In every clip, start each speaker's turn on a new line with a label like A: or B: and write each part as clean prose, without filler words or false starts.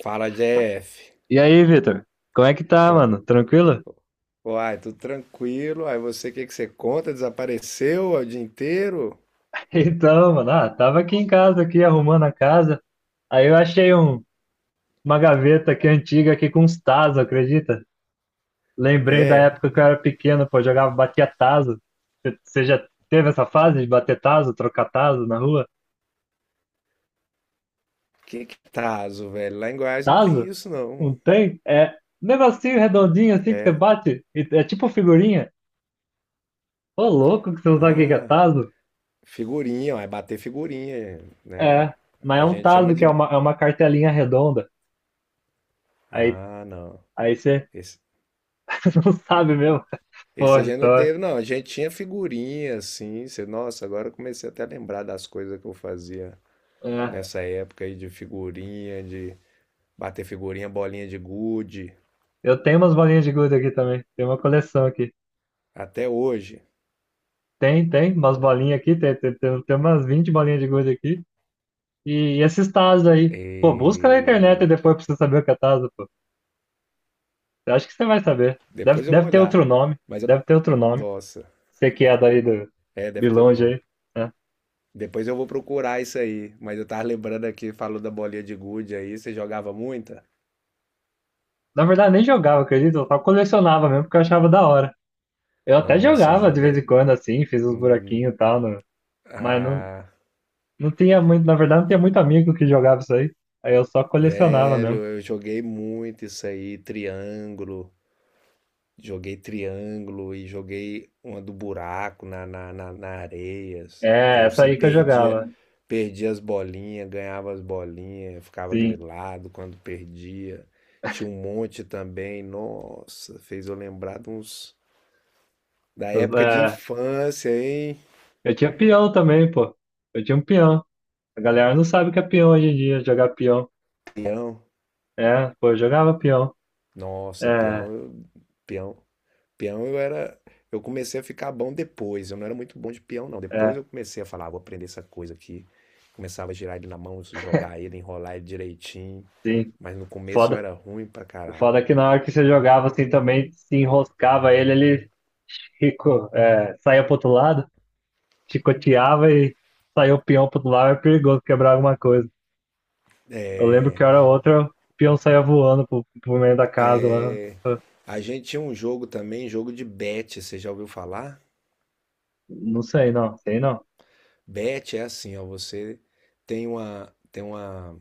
A: Fala, Jeff.
B: E aí, Vitor? Como é que tá,
A: Co-
B: mano? Tranquilo?
A: Uai, tudo tranquilo? Aí você, o que que você conta? Desapareceu o dia inteiro?
B: Então, mano, tava aqui em casa, aqui arrumando a casa. Aí eu achei um, Uma gaveta aqui antiga aqui com uns tazos, acredita? Lembrei da
A: É.
B: época que eu era pequeno, pô, jogava, batia tazo. Você já teve essa fase de bater tazo, trocar tazo na rua?
A: Que tazo, velho? Lá em Goiás não tem
B: Tazo?
A: isso, não.
B: Não tem? É um negocinho redondinho assim que você bate? É tipo figurinha? Ô, louco que você não sabe o que que é
A: Ah,
B: tazo?
A: figurinha, uai, bater figurinha, né?
B: É, mas é
A: A
B: um
A: gente chama
B: tazo que é
A: de...
B: é uma cartelinha redonda. Aí,
A: Ah, não.
B: aí você
A: Esse,
B: Não sabe mesmo?
A: esse a
B: Porra,
A: gente não
B: então.
A: teve, não. A gente tinha figurinha, assim. Você... Nossa, agora eu comecei até a lembrar das coisas que eu fazia
B: É.
A: nessa época aí de figurinha, de bater figurinha, bolinha de gude.
B: Eu tenho umas bolinhas de gude aqui também. Tem uma coleção aqui.
A: Até hoje.
B: Umas bolinhas aqui. Tem umas 20 bolinhas de gude aqui. E esses tazos aí. Pô, busca na internet e
A: E...
B: depois pra você saber o que é tazo, pô. Eu acho que você vai saber. Deve,
A: Depois eu vou
B: deve ter outro
A: olhar.
B: nome.
A: Mas eu.
B: Deve ter outro nome.
A: Nossa.
B: Você que é daí do
A: É, deve
B: de
A: ter outro
B: longe
A: nome.
B: aí, né?
A: Depois eu vou procurar isso aí. Mas eu tava lembrando aqui, falou da bolinha de gude aí. Você jogava muita?
B: Na verdade, nem jogava, acredito. Eu só colecionava mesmo porque eu achava da hora. Eu até
A: Nossa, eu
B: jogava de vez em
A: joguei.
B: quando, assim, fiz uns
A: hum,
B: buraquinhos e tal, mas não,
A: Ah,
B: não tinha muito, na verdade, não tinha muito amigo que jogava isso aí. Aí eu só colecionava mesmo.
A: velho, eu joguei muito isso aí. Triângulo. Joguei triângulo e joguei uma do buraco na areia. Assim. E
B: É,
A: aí
B: essa
A: você
B: aí que eu
A: perdia,
B: jogava.
A: perdia as bolinhas, ganhava as bolinhas, ficava
B: Sim.
A: grilado quando perdia. Tinha um monte também. Nossa, fez eu lembrar de uns. Da época de
B: É,
A: infância, hein?
B: eu tinha peão também, pô. Eu tinha um peão. A galera não sabe o que é peão hoje em dia, jogar peão.
A: Peão.
B: É, pô, eu jogava peão.
A: Nossa,
B: É,
A: peão, eu- peão. Peão eu era. Eu comecei a ficar bom depois. Eu não era muito bom de peão, não. Depois
B: é,
A: eu comecei a falar, ah, vou aprender essa coisa aqui. Começava a girar ele na mão, jogar ele, enrolar ele direitinho.
B: sim.
A: Mas no começo eu
B: Foda.
A: era ruim pra
B: O
A: caralho.
B: foda é que na hora que você jogava assim também, se enroscava ele, ele rico, é, saía pro outro lado, chicoteava e saiu o peão pro outro lado, é perigoso quebrar alguma coisa. Eu lembro que hora outra o peão saía voando pro, pro meio da casa lá. Eu-
A: A gente tinha um jogo também, jogo de bet. Você já ouviu falar?
B: Não sei, não. Sei não.
A: Bet é assim, ó. Você tem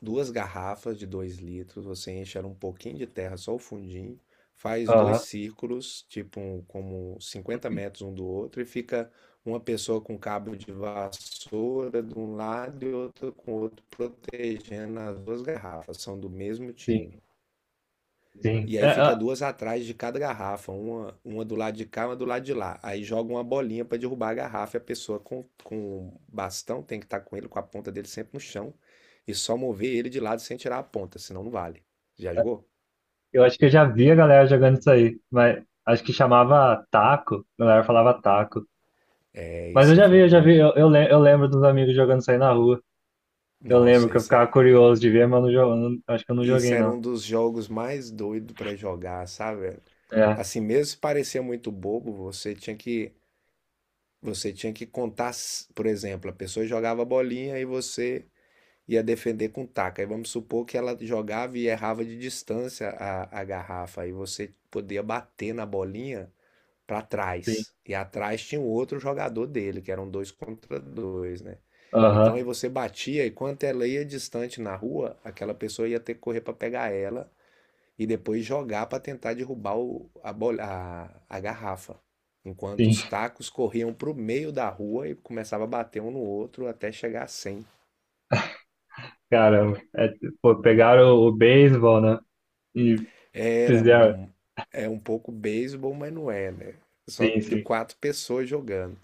A: duas garrafas de 2 litros, você enche ela um pouquinho de terra, só o fundinho, faz dois
B: Aham,
A: círculos, como 50 metros um do outro, e fica uma pessoa com cabo de vassoura de um lado e outra com o outro, protegendo as duas garrafas, são do mesmo
B: sim,
A: time.
B: sim.
A: E
B: É,
A: aí fica
B: é,
A: duas atrás de cada garrafa, uma do lado de cá, uma do lado de lá. Aí joga uma bolinha para derrubar a garrafa e a pessoa com bastão tem que estar com ele, com a ponta dele sempre no chão e só mover ele de lado sem tirar a ponta, senão não vale. Já jogou?
B: eu acho que eu já vi a galera jogando isso aí, mas acho que chamava taco. A galera falava taco.
A: É,
B: Mas eu
A: esse é,
B: já
A: foi
B: vi,
A: um
B: eu já
A: dos.
B: vi. Eu lembro dos amigos jogando isso aí na rua. Eu lembro
A: Nossa,
B: que eu
A: isso era,
B: ficava curioso de ver, mas eu não, acho que eu não
A: isso
B: joguei,
A: era
B: não.
A: um dos jogos mais doidos para jogar, sabe?
B: É,
A: Assim, mesmo se parecia muito bobo, você tinha que. Você tinha que contar, por exemplo, a pessoa jogava a bolinha e você ia defender com taco. Aí vamos supor que ela jogava e errava de distância a garrafa, aí você podia bater na bolinha para
B: sim.
A: trás. E atrás tinha um outro jogador dele, que eram dois contra dois, né? Então aí
B: Aham,
A: você batia e quanto ela ia distante na rua, aquela pessoa ia ter que correr para pegar ela e depois jogar para tentar derrubar o, a, bol- a garrafa. Enquanto
B: sim.
A: os tacos corriam para o meio da rua e começava a bater um no outro até chegar a 100.
B: Caramba. É, pô, pegaram o beisebol, né? E
A: Era
B: fizeram.
A: um- é um pouco beisebol, mas não é, né? Só
B: Sim,
A: de
B: sim.
A: quatro pessoas jogando.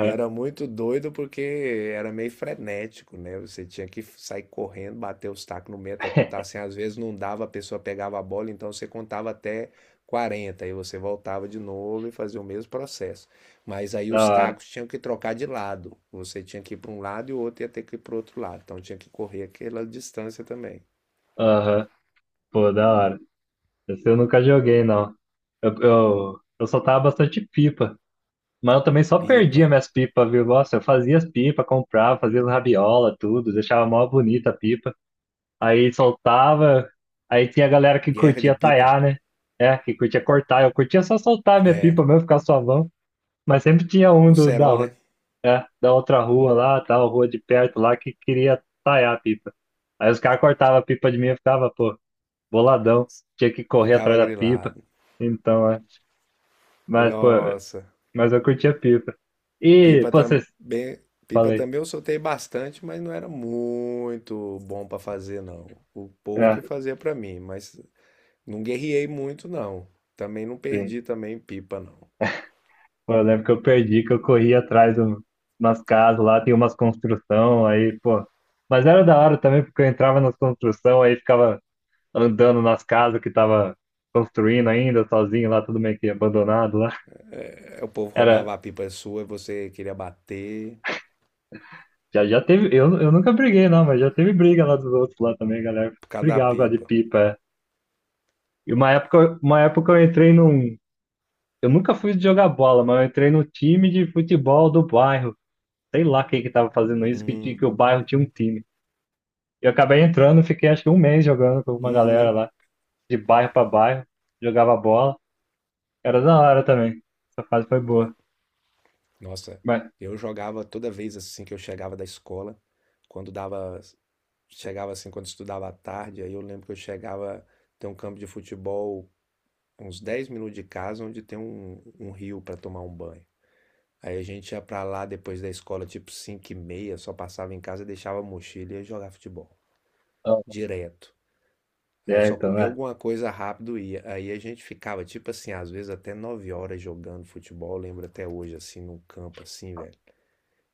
A: E era muito doido porque era meio frenético, né? Você tinha que sair correndo, bater os tacos no meio até contar assim. Às vezes não dava, a pessoa pegava a bola, então você contava até 40, aí você voltava de novo e fazia o mesmo processo. Mas aí
B: Da
A: os
B: hora.
A: tacos tinham que trocar de lado. Você tinha que ir para um lado e o outro ia ter que ir para o outro lado. Então tinha que correr aquela distância também.
B: Aham, pô, da hora. Esse eu nunca joguei, não. Eu soltava bastante pipa, mas eu também só
A: Pipa.
B: perdia minhas pipas, viu? Nossa, eu fazia as pipas, comprava, fazia as rabiola, tudo, deixava mó bonita a pipa. Aí soltava, aí tinha a galera que
A: Guerra de
B: curtia
A: pipa.
B: taiar, né? É, que curtia cortar. Eu curtia só soltar a minha
A: É.
B: pipa mesmo, ficar suavão. Mas sempre tinha um
A: No
B: do, da,
A: cerol, né?
B: ru- é, da outra rua lá, tal, rua de perto lá, que queria taiar a pipa. Aí os caras cortavam a pipa de mim e eu ficava, pô, boladão. Tinha que correr
A: Ficava
B: atrás da pipa.
A: grilado.
B: Então, é. Mas, pô,
A: Nossa.
B: mas eu curti a pipa. E,
A: Pipa
B: pô, vocês.
A: também, pipa
B: Falei.
A: também eu soltei bastante, mas não era muito bom para fazer não. O povo
B: É,
A: que fazia para mim, mas não guerriei muito não. Também não
B: sim.
A: perdi também pipa não.
B: Pô, eu lembro que eu perdi, que eu corri atrás de umas casas lá, tem umas construção, aí, pô. Mas era da hora também, porque eu entrava nas construção, aí ficava andando nas casas que tava construindo ainda, sozinho lá, tudo meio que abandonado lá.
A: É, o povo
B: Era.
A: roubava a pipa sua e você queria bater
B: Já teve. Eu nunca briguei, não, mas já teve briga lá dos outros lá também, galera.
A: por causa da
B: Brigava de
A: pipa.
B: pipa. É. E uma época eu entrei num. Eu nunca fui jogar bola, mas eu entrei no time de futebol do bairro. Sei lá quem que tava fazendo isso,
A: Uhum.
B: que o bairro tinha um time. E eu acabei entrando, fiquei acho que um mês jogando com uma galera
A: Uhum.
B: lá, de bairro pra bairro, jogava bola. Era da hora também. Essa fase foi boa.
A: Nossa,
B: Mas,
A: eu jogava toda vez assim que eu chegava da escola, quando dava chegava assim quando estudava à tarde, aí eu lembro que eu chegava, tem um campo de futebol uns 10 minutos de casa, onde tem um rio para tomar um banho. Aí a gente ia pra lá depois da escola, tipo 5:30, só passava em casa, deixava a mochila e ia jogar futebol.
B: ó,
A: Direto. Aí
B: é,
A: só
B: então,
A: comia
B: é.
A: alguma coisa rápido e ia. Aí a gente ficava, tipo assim, às vezes até 9 horas jogando futebol, lembro até hoje, assim, num campo assim, velho.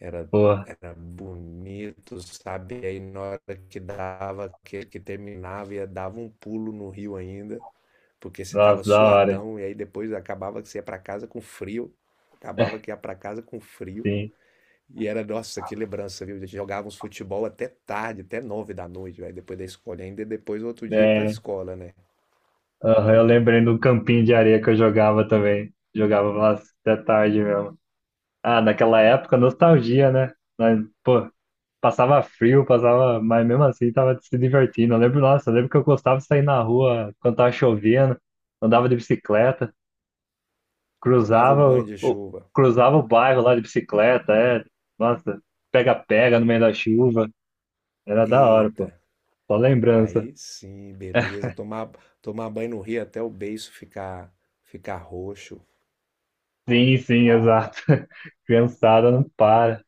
A: Era,
B: Porra,
A: era bonito, sabe? E aí na hora que dava, que terminava, ia dava um pulo no rio ainda, porque você tava
B: nossa, da hora.
A: suadão, e aí depois acabava que você ia pra casa com frio. Acabava
B: É,
A: que ia pra casa com frio.
B: sim.
A: E era, nossa, que lembrança, viu? A gente jogava uns futebol até tarde, até 9 da noite, velho, depois da escola. E ainda depois, outro dia, ir pra
B: É,
A: escola, né?
B: aham, eu lembrei do campinho de areia que eu jogava também. Jogava lá até tarde mesmo. Ah, naquela época, nostalgia, né? Nós, pô, passava frio, passava, mas mesmo assim tava se divertindo. Eu lembro, nossa, eu lembro que eu gostava de sair na rua quando tava chovendo, andava de bicicleta,
A: Tomava um
B: cruzava
A: banho de chuva.
B: cruzava o bairro lá de bicicleta, é, nossa, pega-pega no meio da chuva, era da hora, pô.
A: Eita,
B: Só lembrança.
A: aí sim, beleza. Tomar, tomar banho no rio até o beiço ficar, ficar roxo.
B: Sim, sim, exato. Criançada não para.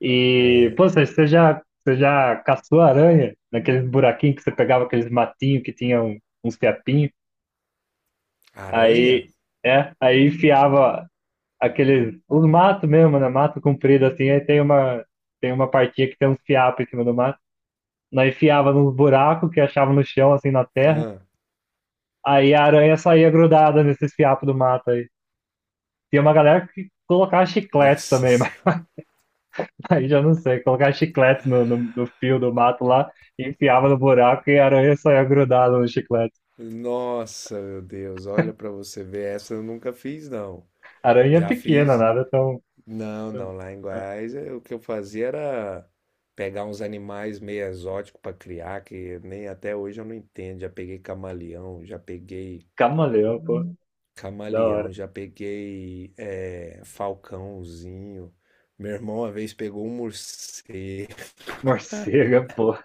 B: E,
A: É,
B: pô, você já caçou aranha naqueles buraquinhos que você pegava aqueles matinhos que tinham uns fiapinhos,
A: aranha?
B: aí, é, aí enfiava aqueles, os matos mesmo, né, mato comprido assim, tem uma partinha que tem uns fiapos em cima do mato, nós enfiava nos buracos que achava no chão, assim, na terra,
A: Ah,
B: aí a aranha saía grudada nesses fiapos do mato aí. Tinha uma galera que colocava chicletes
A: nossa
B: também.
A: senhora.
B: Aí já não sei, colocar chiclete no fio do mato lá, enfiava no buraco e a aranha só ia grudada no chiclete.
A: Nossa, meu Deus. Olha pra você ver. Essa eu nunca fiz, não.
B: Aranha é
A: Já
B: pequena,
A: fiz.
B: nada é tão.
A: Não,
B: tão-
A: não. Lá em
B: É.
A: Goiás, eh, o que eu fazia era pegar uns animais meio exóticos pra criar, que nem até hoje eu não entendo. Já peguei camaleão, já peguei
B: Camaleão, pô, da
A: camaleão,
B: hora.
A: já peguei falcãozinho. Meu irmão uma vez pegou um morcego.
B: Morcega, pô,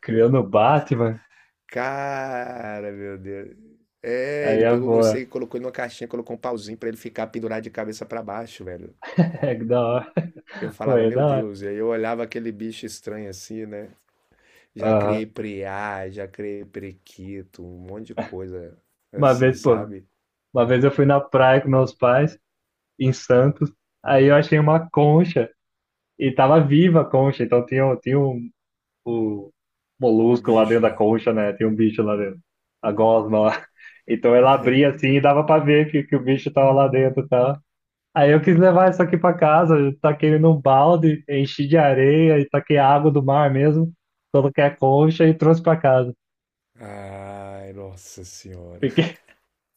B: criando o Batman,
A: Cara, meu Deus. É,
B: aí
A: ele
B: é
A: pegou o
B: boa.
A: morcego e colocou ele numa caixinha, colocou um pauzinho pra ele ficar pendurado de cabeça pra baixo, velho.
B: É que da hora,
A: Eu
B: pô,
A: falava,
B: é
A: meu
B: da hora.
A: Deus, e aí eu olhava aquele bicho estranho assim, né? Já
B: Aham.
A: criei preá, já criei prequito, um monte de coisa
B: Uma
A: assim,
B: vez, pô,
A: sabe?
B: uma vez eu fui na praia com meus pais, em Santos, aí eu achei uma concha, e tava viva a concha, então tinha um o
A: O
B: molusco lá
A: bicho
B: dentro da
A: lá.
B: concha, né? Tem um bicho lá dentro. A gosma lá. Então ela abria assim e dava pra ver que o bicho tava lá dentro e tal. Aí eu quis levar isso aqui pra casa, eu taquei ele num balde, enchi de areia e taquei água do mar mesmo, coloquei a concha e trouxe pra casa.
A: Ai, nossa senhora.
B: Fiquei,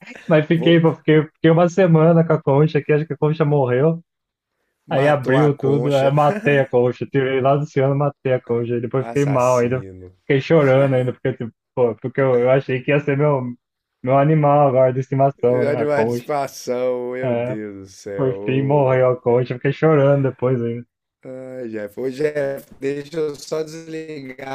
B: mas fiquei,
A: Vou...
B: pô, fiquei uma semana com a concha aqui, acho que a concha morreu. Aí
A: Matou a
B: abriu tudo, aí
A: concha,
B: matei a coxa, tirei lá do ciano, matei a coxa, aí depois fiquei mal, ainda
A: assassino.
B: fiquei chorando ainda, porque, tipo, pô, porque eu achei que ia ser meu animal agora de estimação, né, a
A: Animal de
B: concha.
A: estimação, meu
B: É,
A: Deus do
B: por fim
A: céu.
B: morreu a concha, fiquei chorando depois ainda.
A: Ai, Jeff. Ô, Jeff, deixa eu só desligar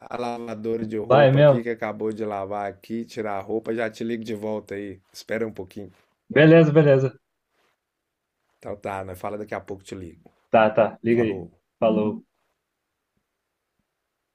A: a lavadora de
B: Vai
A: roupa aqui,
B: mesmo?
A: que acabou de lavar aqui, tirar a roupa, já te ligo de volta aí. Espera um pouquinho.
B: Beleza, beleza.
A: Então tá, nós fala daqui a pouco, te ligo.
B: Tá, tá, liga aí.
A: Falou.
B: Falou.